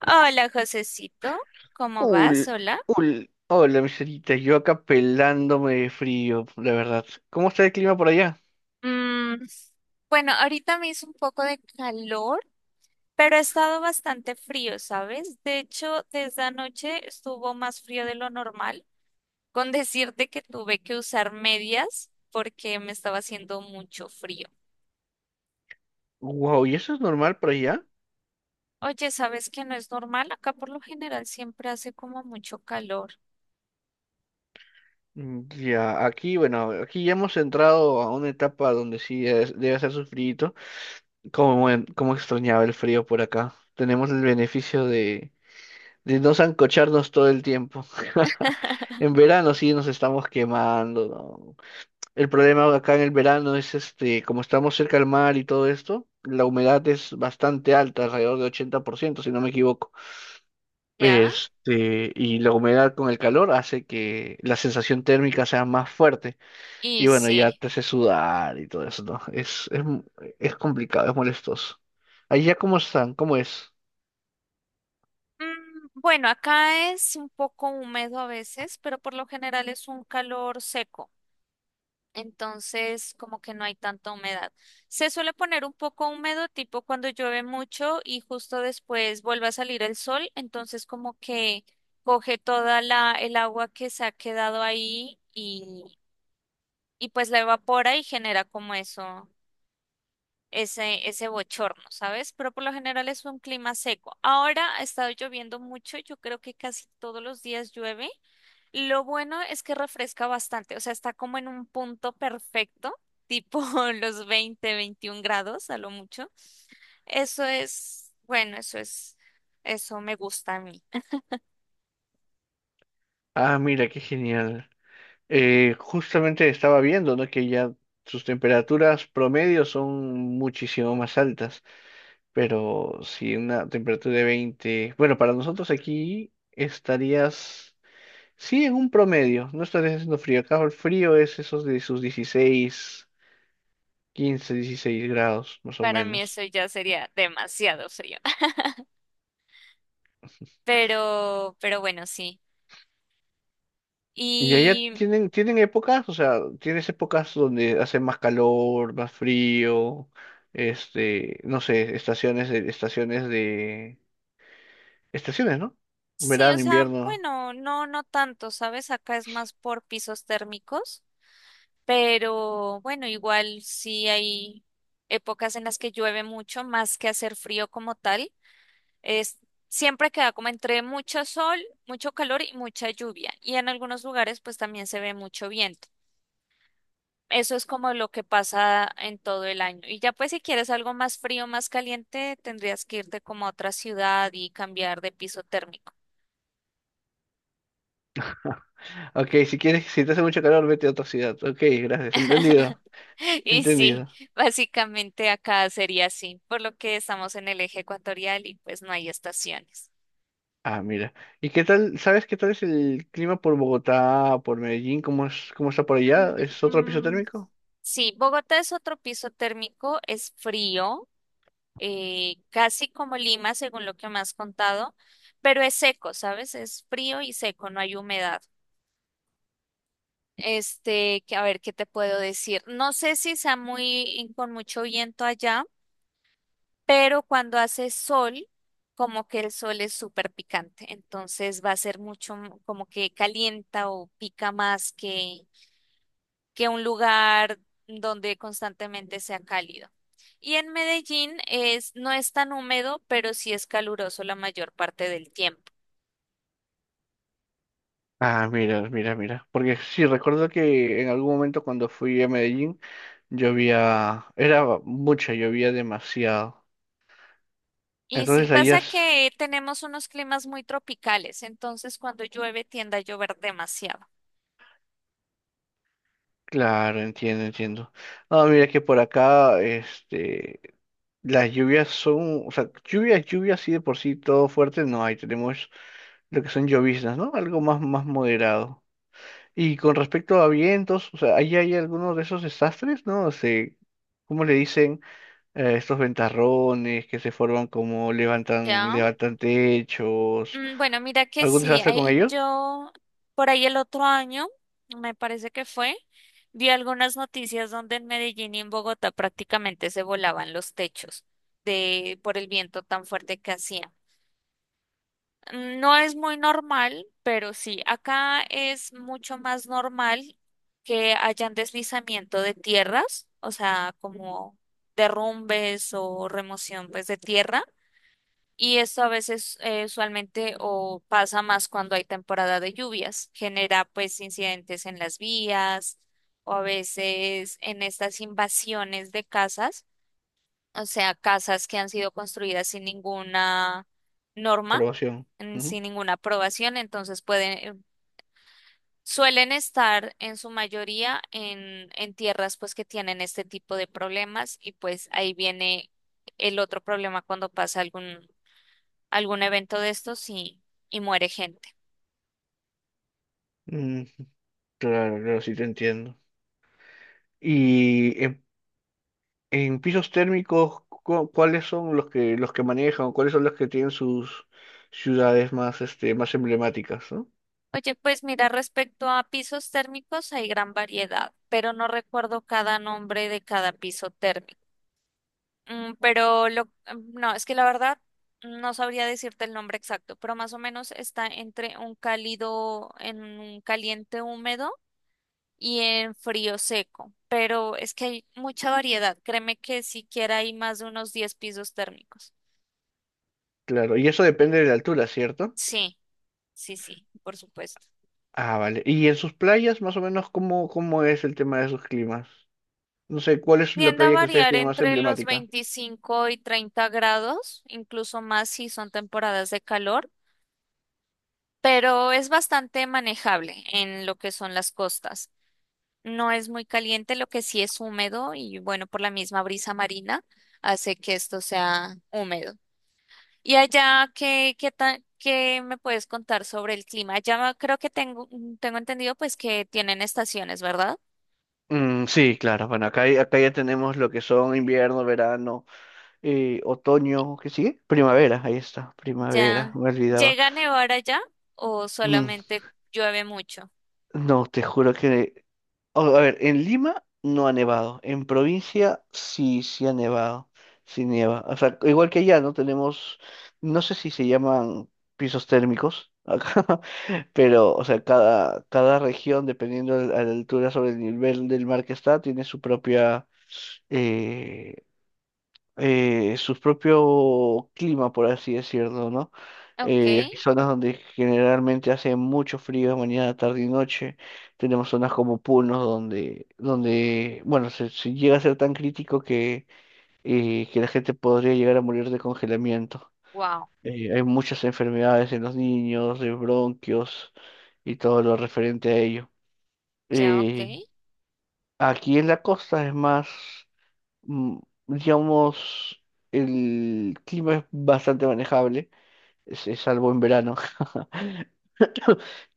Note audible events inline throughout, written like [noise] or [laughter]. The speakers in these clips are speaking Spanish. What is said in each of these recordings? Hola, Josecito, ¿cómo vas? Ul, Hola. ul, hola, miserita, yo acá pelándome de frío, la verdad. ¿Cómo está el clima por allá? Mm, bueno, ahorita me hizo un poco de calor, pero ha estado bastante frío, ¿sabes? De hecho, desde anoche estuvo más frío de lo normal, con decirte que tuve que usar medias porque me estaba haciendo mucho frío. Wow, ¿y eso es normal por allá? Oye, ¿sabes que no es normal? Acá por lo general siempre hace como mucho calor. Mm, ya, aquí, bueno, aquí ya hemos entrado a una etapa donde sí debe hacer su frío. Como extrañaba el frío por acá. Tenemos el beneficio de no sancocharnos todo el tiempo. [laughs] [laughs] En verano sí nos estamos quemando, ¿no? El problema acá en el verano es este, como estamos cerca al mar y todo esto, la humedad es bastante alta, alrededor de 80% si no me equivoco. ¿Ya? Este, y la humedad con el calor hace que la sensación térmica sea más fuerte. Y Y bueno, ya sí. te hace sudar y todo eso, ¿no? Es complicado, es molestoso. Allá cómo están, cómo es. Bueno, acá es un poco húmedo a veces, pero por lo general es un calor seco, entonces como que no hay tanta humedad. Se suele poner un poco húmedo, tipo cuando llueve mucho y justo después vuelve a salir el sol, entonces como que coge toda la, el agua que se ha quedado ahí y pues la evapora y genera como eso, ese bochorno, ¿sabes? Pero por lo general es un clima seco. Ahora ha estado lloviendo mucho, yo creo que casi todos los días llueve. Lo bueno es que refresca bastante, o sea, está como en un punto perfecto, tipo [laughs] los 20 21 grados a lo mucho. Eso es, bueno, eso me gusta a mí. Ah, mira, qué genial. Justamente estaba viendo, ¿no?, que ya sus temperaturas promedio son muchísimo más altas. Pero si una temperatura de 20, bueno, para nosotros aquí estarías, sí, en un promedio, no estarías haciendo frío. Acá el frío es esos de sus 16, 15, 16 grados, más [laughs] o Para mí menos. eso ya sería demasiado frío. [laughs] Pero bueno, sí. Y allá Y tienen, épocas, o sea, tienes épocas donde hace más calor, más frío, este, no sé, estaciones, ¿no? sí, o Verano, sea, invierno. bueno, no, no tanto, ¿sabes? Acá es más por pisos térmicos, pero bueno, igual sí hay épocas en las que llueve mucho, más que hacer frío como tal. Es, siempre queda como entre mucho sol, mucho calor y mucha lluvia. Y en algunos lugares pues también se ve mucho viento. Eso es como lo que pasa en todo el año. Y ya pues si quieres algo más frío, más caliente, tendrías que irte como a otra ciudad y cambiar de piso térmico. Ok, si quieres, si te hace mucho calor, vete a otra ciudad. Ok, gracias, entendido. [laughs] Y sí, Entendido. básicamente acá sería así, por lo que estamos en el eje ecuatorial y pues no hay estaciones. Ah, mira. ¿Y qué tal, sabes qué tal es el clima por Bogotá, por Medellín? ¿Cómo es, cómo está por allá? ¿Es otro piso Mm, mm, térmico? Sí, Bogotá es otro piso térmico, es frío, casi como Lima, según lo que me has contado, pero es seco, ¿sabes? Es frío y seco, no hay humedad. Este, que a ver, ¿qué te puedo decir? No sé si sea muy con mucho viento allá, pero cuando hace sol, como que el sol es súper picante, entonces va a ser mucho como que calienta o pica más que un lugar donde constantemente sea cálido. Y en Medellín no es tan húmedo, pero sí es caluroso la mayor parte del tiempo. Ah, mira, mira, mira. Porque sí, recuerdo que en algún momento cuando fui a Medellín llovía, era mucha, llovía demasiado. Y sí Entonces allá pasa es, que tenemos unos climas muy tropicales, entonces cuando llueve tiende a llover demasiado. claro, entiendo, entiendo. Ah, mira que por acá, este, las lluvias son, o sea, lluvias, lluvias, sí de por sí, todo fuerte no hay. Tenemos lo que son lloviznas, ¿no? Algo más, más moderado. Y con respecto a vientos, o sea, ahí hay algunos de esos desastres, ¿no? O sea, ¿cómo le dicen estos ventarrones que se forman como levantan, ¿Ya? levantan techos? Bueno, mira que ¿Algún sí, desastre con ellos? yo por ahí el otro año, me parece que fue, vi algunas noticias donde en Medellín y en Bogotá prácticamente se volaban los techos de por el viento tan fuerte que hacía. No es muy normal, pero sí, acá es mucho más normal que hayan deslizamiento de tierras, o sea, como derrumbes o remoción pues de tierra y esto a veces usualmente o pasa más cuando hay temporada de lluvias, genera pues incidentes en las vías o a veces en estas invasiones de casas, o sea, casas que han sido construidas sin ninguna norma, Probación. Ujú. sin ninguna aprobación, entonces pueden, suelen estar en su mayoría en tierras pues que tienen este tipo de problemas y pues ahí viene el otro problema cuando pasa algún evento de estos y muere gente. Mm, claro, claro, sí te entiendo. Y en, pisos térmicos, ¿cuáles son los que manejan o cuáles son los que tienen sus ciudades más más emblemáticas, ¿no? Oye, pues mira, respecto a pisos térmicos hay gran variedad, pero no recuerdo cada nombre de cada piso térmico. No, es que la verdad no sabría decirte el nombre exacto, pero más o menos está entre un cálido, en un caliente húmedo y en frío seco. Pero es que hay mucha variedad. Créeme que siquiera hay más de unos 10 pisos térmicos. Claro, y eso depende de la altura, ¿cierto? Sí, sí, sí, por supuesto. Ah, vale. ¿Y en sus playas, más o menos, cómo es el tema de sus climas? No sé, ¿cuál es la Tiende a playa que ustedes variar tienen más entre los emblemática? 25 y 30 grados, incluso más si son temporadas de calor, pero es bastante manejable en lo que son las costas. No es muy caliente, lo que sí es húmedo y bueno, por la misma brisa marina hace que esto sea húmedo. ¿Y allá qué, qué me puedes contar sobre el clima? Ya creo que tengo entendido pues que tienen estaciones, ¿verdad? Mm, sí, claro. Bueno, acá, acá ya tenemos lo que son invierno, verano, otoño, ¿qué sigue? Primavera, ahí está, primavera, Ya. me olvidaba. ¿Llega a nevar allá o Mm, solamente llueve mucho? no, te juro que... Oh, a ver, en Lima no ha nevado, en provincia sí, sí ha nevado, sí nieva. O sea, igual que allá, ¿no? Tenemos, no sé si se llaman pisos térmicos acá. Pero, o sea, cada, región, dependiendo de la altura sobre el nivel del mar que está, tiene su propia, eh, su propio clima, por así decirlo, ¿no? Ok, Hay zonas donde generalmente hace mucho frío, mañana, tarde y noche. Tenemos zonas como Puno, donde, bueno, se llega a ser tan crítico que la gente podría llegar a morir de congelamiento. wow, Hay muchas enfermedades en los niños, de bronquios y todo lo referente a ello. ya ok, Eh, Aquí en la costa es más, mm, digamos, el clima es bastante manejable, es salvo en verano, [laughs]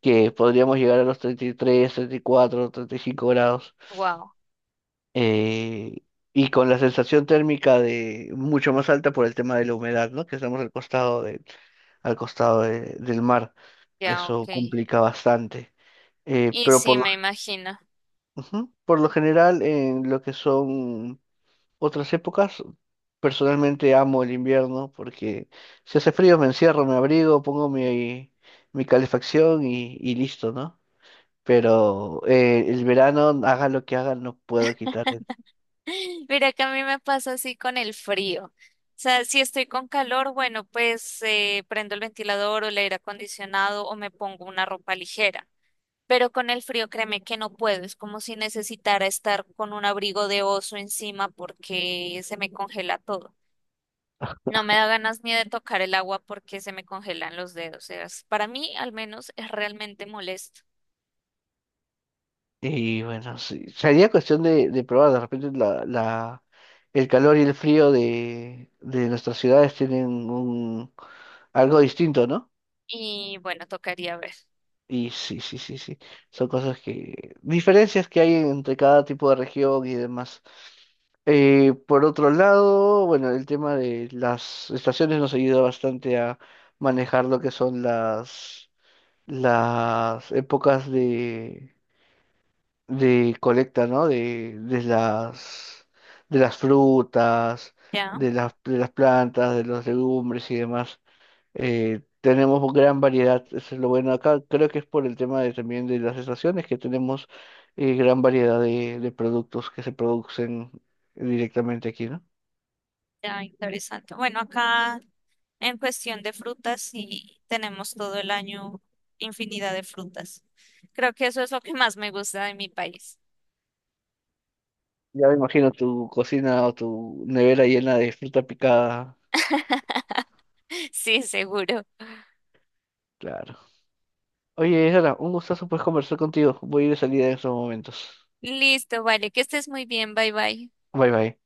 que podríamos llegar a los 30, treinta y tres, 34, 35 grados. wow, eh, y con la sensación térmica de mucho más alta por el tema de la humedad, ¿no? Que estamos al costado del, al costado del mar. ya ok. Eso complica bastante. Y Pero sí, me imagino. ujú, por lo general, en lo que son otras épocas, personalmente amo el invierno porque si hace frío me encierro, me abrigo, pongo mi, calefacción y listo, ¿no? Pero el verano, haga lo que haga, no puedo quitar. [laughs] Mira que a mí me pasa así con el frío. O sea, si estoy con calor, bueno, pues prendo el ventilador o el aire acondicionado o me pongo una ropa ligera. Pero con el frío, créeme que no puedo. Es como si necesitara estar con un abrigo de oso encima porque se me congela todo. No me da ganas ni de tocar el agua porque se me congelan los dedos. Es- para mí, al menos, es realmente molesto. Y bueno, sí, sería cuestión de, probar. De repente el calor y el frío de nuestras ciudades tienen algo distinto, ¿no? Y bueno, tocaría ver. Y sí, sí, sí, sí, son cosas diferencias que hay entre cada tipo de región y demás. Por otro lado, bueno, el tema de las estaciones nos ayuda bastante a manejar lo que son las, épocas de colecta, ¿no? De, de las frutas, Ya, de las plantas, de los legumbres y demás. Tenemos gran variedad, eso es lo bueno acá. Creo que es por el tema de, también de las estaciones que tenemos gran variedad de productos que se producen directamente aquí, ¿no? ya, interesante. Bueno, acá en cuestión de frutas, sí tenemos todo el año infinidad de frutas. Creo que eso es lo que más me gusta de mi país. Ya me imagino tu cocina o tu nevera llena de fruta picada. [laughs] Sí, seguro. Claro. Oye, Sara, un gustazo pues conversar contigo. Voy a ir de salida en estos momentos. Listo, vale, que estés muy bien. Bye bye. Bye bye.